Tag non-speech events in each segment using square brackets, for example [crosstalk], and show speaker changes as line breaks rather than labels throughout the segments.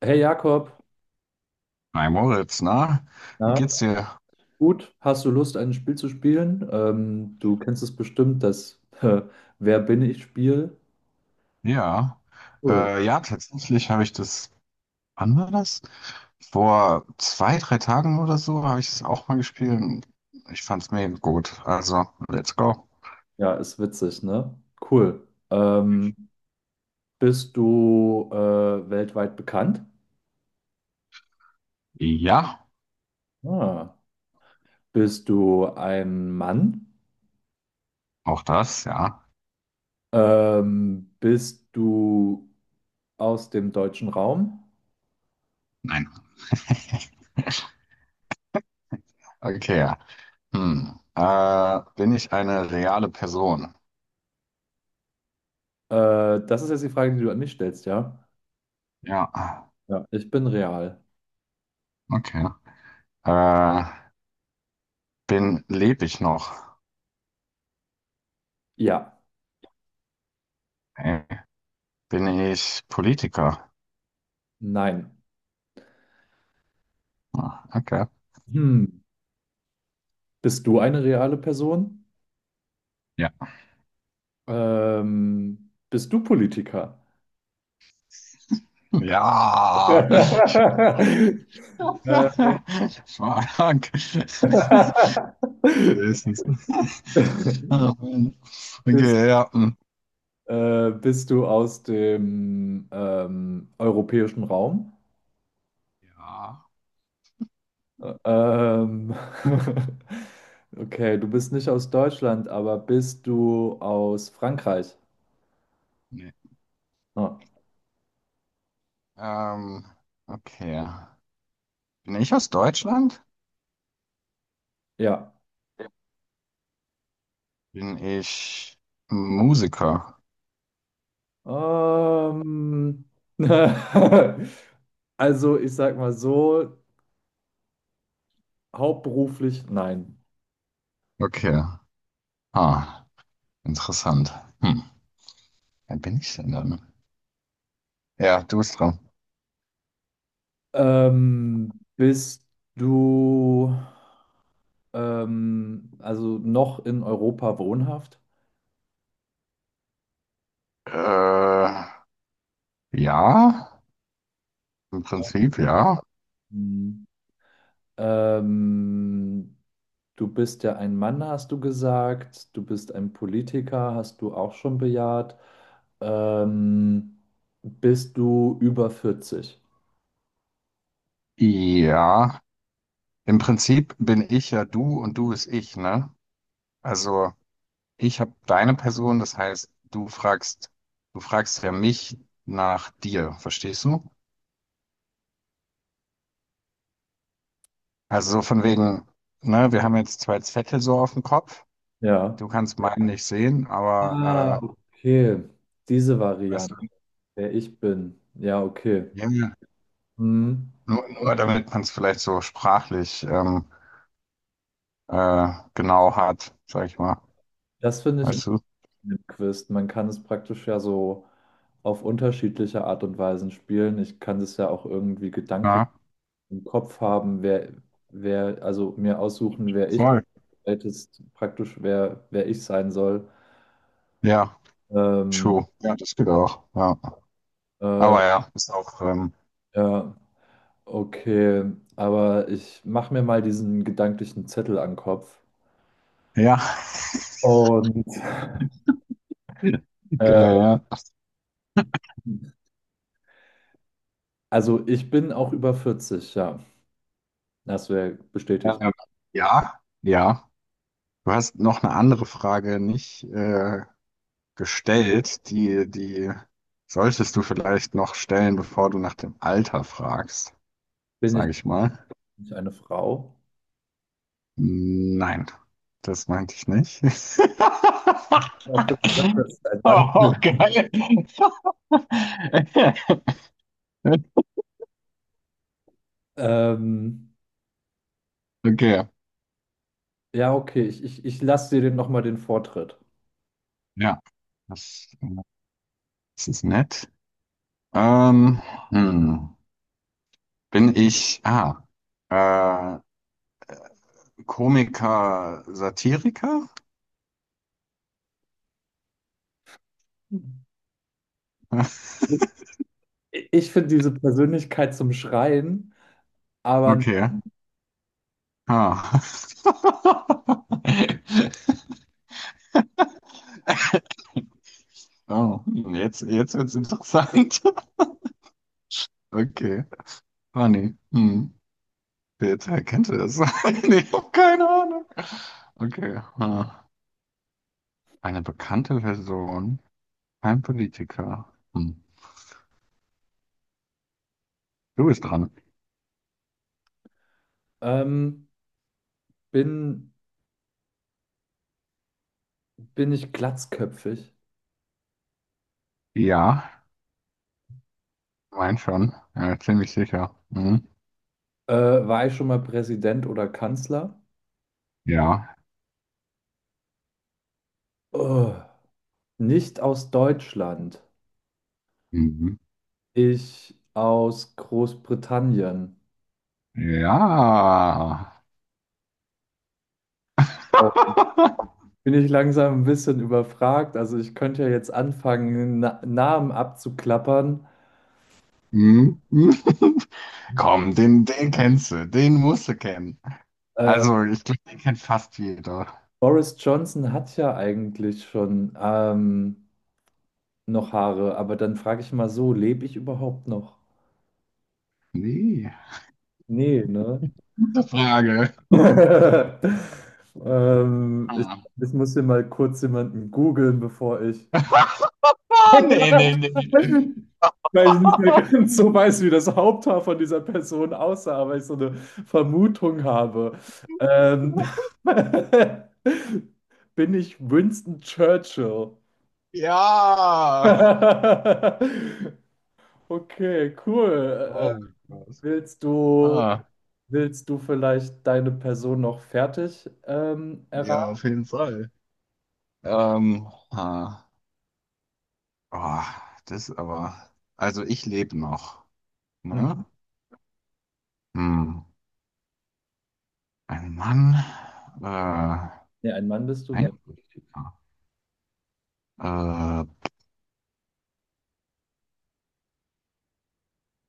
Hey Jakob,
Hi Moritz, na, wie
ja,
geht's dir?
gut, hast du Lust, ein Spiel zu spielen? Du kennst es bestimmt, das [laughs] Wer bin ich Spiel?
Ja,
Cool.
ja, tatsächlich habe ich das, wann war das? Vor zwei, drei Tagen oder so habe ich es auch mal gespielt. Und ich fand's mega gut. Also, let's go.
Ja, ist witzig, ne? Cool. Ähm, bist du weltweit bekannt?
Ja,
Ah. Bist du ein Mann?
auch das, ja.
Bist du aus dem deutschen Raum?
Nein. [laughs] Okay, ja. Hm. Bin ich eine reale Person?
Das ist jetzt die Frage, die du an mich stellst, ja?
Ja,
Ja. Ich bin real.
okay. Äh, Lebe ich noch?
Ja.
Äh, Bin ich Politiker?
Nein.
Ah, okay.
Hm. Bist du eine reale Person? Bist du Politiker?
Ja. [laughs]
[laughs]
Fuck.
Äh,
Höchstens.
bist,
Okay, ja. Hm.
bist du aus dem europäischen Raum?
Ja.
Ähm, [laughs] okay, du bist nicht aus Deutschland, aber bist du aus Frankreich?
Nee.
Ah,
Ähm, okay. Bin ich aus Deutschland?
ja.
Ja. Bin ich Musiker?
Ähm, [laughs] also ich sag mal so, hauptberuflich? Nein.
Okay. Ah, interessant. Hm. Wer bin ich denn dann? Ja, du bist dran.
Bist du also noch in Europa wohnhaft?
Äh, ja, im Prinzip ja.
Hm. Ähm, du bist ja ein Mann, hast du gesagt. Du bist ein Politiker, hast du auch schon bejaht. Ähm, bist du über 40?
Ja, im Prinzip bin ich ja du und du ist ich, ne? Also ich habe deine Person, das heißt, du fragst ja mich nach dir, verstehst du? Also so von wegen, ne, wir haben jetzt zwei Zettel so auf dem Kopf.
Ja.
Du kannst meinen nicht sehen,
Ah,
aber
okay. Diese
weißt du,
Variante, wer ich bin. Ja, okay.
ja, ja.
Hm.
Nur damit man es vielleicht so sprachlich genau hat, sag ich mal.
Das finde ich in
Weißt du?
dem Quiz. Man kann es praktisch ja so auf unterschiedliche Art und Weisen spielen. Ich kann es ja auch irgendwie gedanklich
Ja,
im Kopf haben, also mir aussuchen, wer ich bin.
voll.
Ältest praktisch, wer ich sein soll.
Ja,
Ähm,
true. Ja, das geht auch. Ja.
äh,
Aber ja, ist auch.
ja, okay. Aber ich mache mir mal diesen gedanklichen Zettel an den Kopf.
Ja,
Und
[laughs] geil,
[laughs]
ja.
also ich bin auch über 40, ja. Das wäre bestätigt.
Ähm, Ja, ja. Du hast noch eine andere Frage nicht gestellt, die solltest du vielleicht noch stellen, bevor du nach dem Alter fragst,
Bin ich
sage ich mal.
nicht eine Frau?
Nein, das meinte ich nicht. [laughs]
Ich habe gesagt, dass ich ein Mann
Oh,
bin.
geil. [laughs]
Ähm,
Okay,
ja, okay. Ich lasse dir den nochmal den Vortritt.
ja, das, das ist nett. Ähm, hm. Bin ich, ah, äh, Komiker, Satiriker? [laughs]
Ich finde diese Persönlichkeit zum Schreien, aber
Okay.
nein.
Ah. [laughs] Oh, hm, jetzt wird's interessant. [laughs] Okay. Funny. Hm. Wer kennt das? [laughs] Nee, ich hab keine Ahnung. Okay. Ah. Eine bekannte Person. Kein Politiker. Hm. Du bist dran.
Ähm, bin, bin ich glatzköpfig?
Ja, mein schon. Ja, ziemlich sicher. Hm.
War ich schon mal Präsident oder Kanzler?
Ja.
Oh, nicht aus Deutschland.
Mhm.
Ich aus Großbritannien.
Ja. [laughs]
Bin ich langsam ein bisschen überfragt. Also ich könnte ja jetzt anfangen, Namen abzuklappern.
Hm, [laughs] komm, den kennst du, den musst du kennen.
Äh,
Also, ich glaube, den kennt fast jeder.
Boris Johnson hat ja eigentlich schon noch Haare, aber dann frage ich mal so, lebe ich überhaupt noch?
Nee,
Nee, ne?
gute Frage.
[laughs] ähm, ich,
Ah,
ich muss hier mal kurz jemanden googeln, bevor ich
[laughs] ah nee, nee, nee.
[laughs] weil ich nicht mehr ganz
[laughs]
so weiß, wie das Haupthaar von dieser Person aussah, aber ich so eine Vermutung habe. Ähm, [laughs] bin ich Winston Churchill?
Ja.
[laughs] Okay, cool.
Oh mein Gott.
Willst du,
Ah,
willst du vielleicht deine Person noch fertig
ja, auf
erraten?
jeden Fall. Ähm, ah, oh, das aber. Also ich lebe noch. Ne?
Mhm.
Hm. Ein Mann. Äh,
Nee, ein Mann bist du
ein
nicht.
Politiker. Äh,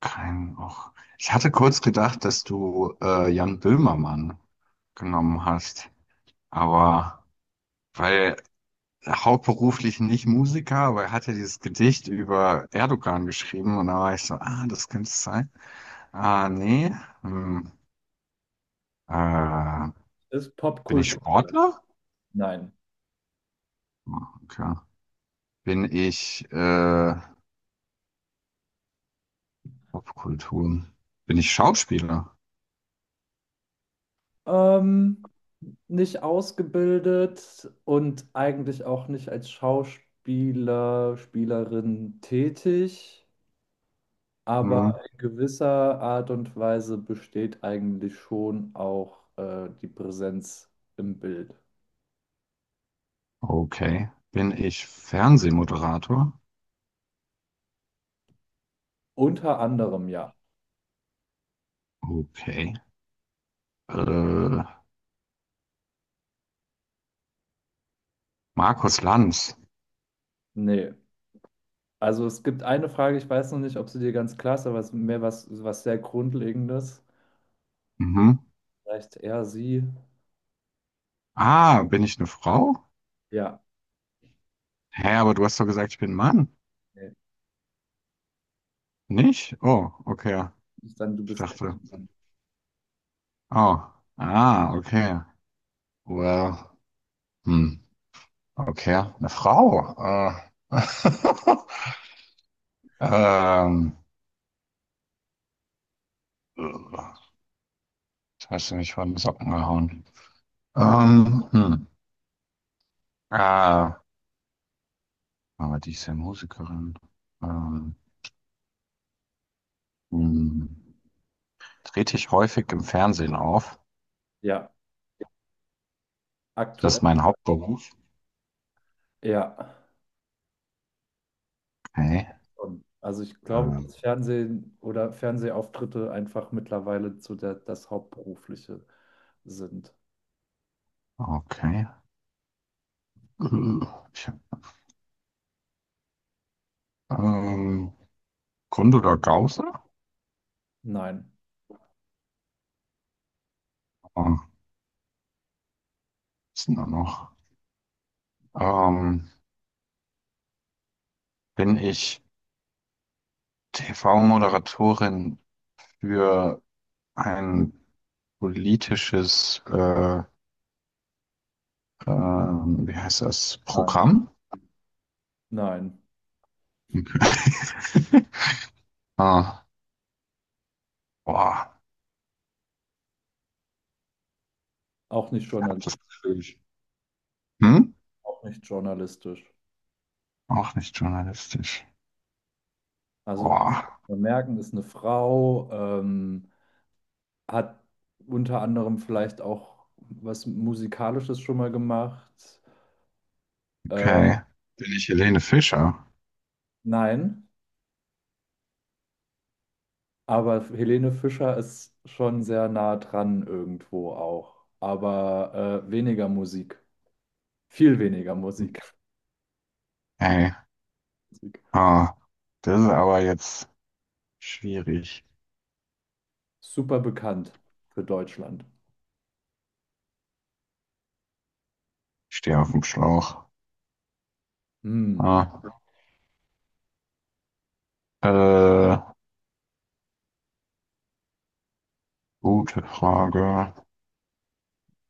Kein auch ich hatte kurz gedacht, dass du Jan Böhmermann genommen hast, aber weil hauptberuflich nicht Musiker, aber er hatte dieses Gedicht über Erdogan geschrieben und da war ich so, ah, das könnte es sein. Ah, nee. Hm, äh,
Ist
Bin ich
popkulturell.
Sportler?
Nein.
Ah, okay. Bin ich Popkultur? Bin ich Schauspieler?
Ähm, nicht ausgebildet und eigentlich auch nicht als Schauspieler, Spielerin tätig,
Hm,
aber in gewisser Art und Weise besteht eigentlich schon auch die Präsenz im Bild.
okay. Bin ich Fernsehmoderator?
Unter anderem ja.
Okay. Äh, Markus Lanz.
Nee. Also es gibt eine Frage, ich weiß noch nicht, ob sie dir ganz klar ist, aber es ist mehr was, was sehr Grundlegendes.
Mhm.
Vielleicht er, sie.
Ah, bin ich eine Frau?
Ja.
Hä, aber du hast doch gesagt, ich bin ein Mann.
Nee.
Nicht? Oh, okay.
Ist dann du
Ich
bist kein
dachte.
Mann.
Oh. Ah, okay. Well. Hm. Okay. Eine Frau. Äh. [laughs] ähm. Jetzt hast du mich von den Socken gehauen. Ähm. Hm. Ah. Aber die ist ja Musikerin. Ähm. Hm. Trete ich häufig im Fernsehen auf?
Ja.
Das
Aktuell.
ist mein Hauptberuf.
Ja.
Okay.
Schon. Also ich glaube,
Ähm.
dass Fernsehen oder Fernsehauftritte einfach mittlerweile zu der, das Hauptberufliche sind.
Okay. Äh, Ich, ähm, Grund oder Gause?
Nein,
Ah, was ist denn da noch? Ähm, Bin ich TV-Moderatorin für ein politisches, wie heißt das,
nein,
Programm?
nein.
Okay. [laughs] Ah, boah,
Auch nicht
das
Journalist,
ist natürlich. Hm?
auch nicht journalistisch.
Auch nicht journalistisch.
Also
Boah,
wir merken, ist eine Frau, ähm, hat unter anderem vielleicht auch was Musikalisches schon mal gemacht. Ähm,
okay. Bin ich Helene Fischer?
nein, aber Helene Fischer ist schon sehr nah dran irgendwo auch, aber weniger Musik. Viel weniger Musik.
Ey,
Musik.
ah, das ist aber jetzt schwierig.
Super bekannt für Deutschland.
Stehe auf dem Schlauch.
Hm.
Ah, äh, gute Frage.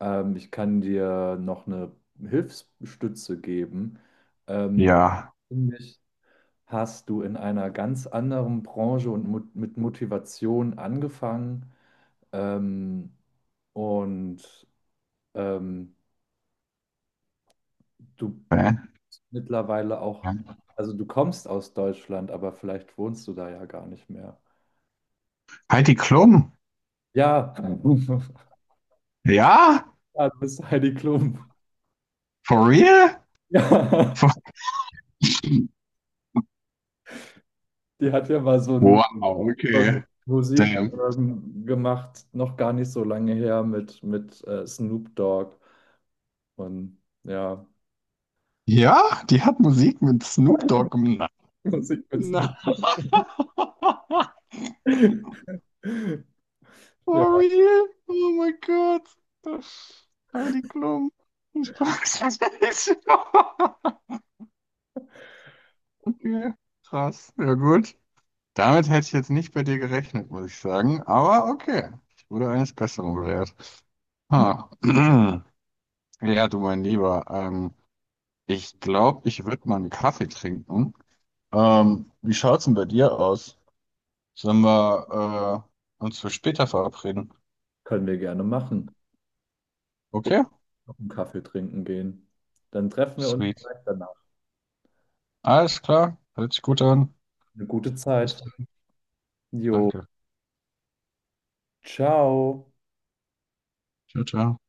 Ich kann dir noch eine Hilfsstütze geben. Ähm,
Ja.
Nämlich hast du in einer ganz anderen Branche und mo mit Motivation angefangen ähm, und ähm, du
Hä?
mittlerweile auch, also du kommst aus Deutschland, aber vielleicht wohnst du da ja gar nicht mehr.
Heidi Klum.
Ja, [laughs]
Ja?
ja du bist Heidi Klum.
For real?
[laughs] Ja.
For
Die hat ja mal
wow,
so
okay.
ein Musik
Damn.
gemacht, noch gar nicht so lange her mit Snoop Dogg und ja,
Ja, die hat Musik mit Snoop Dogg gemacht.
[laughs] Musik mit Snoop
Na.
Dogg.
[laughs]
[laughs]
For
Ja,
real? Oh mein Gott. Heidi Klum. [laughs] Ich weiß es nicht. [laughs] Okay, krass. Ja gut. Damit hätte ich jetzt nicht bei dir gerechnet, muss ich sagen. Aber okay, ich wurde eines Besseren belehrt. Ha. [clears throat] Ja, du mein Lieber, ich glaube, ich würde mal einen Kaffee trinken. Wie schaut's denn bei dir aus? Sollen wir uns für später verabreden?
können wir gerne machen. Ich
Okay,
will noch einen Kaffee trinken gehen. Dann treffen wir uns
sweet.
vielleicht danach.
Alles klar, hört sich gut an.
Eine gute
Bis
Zeit.
dann.
Jo,
Danke.
ciao.
Ciao, ciao.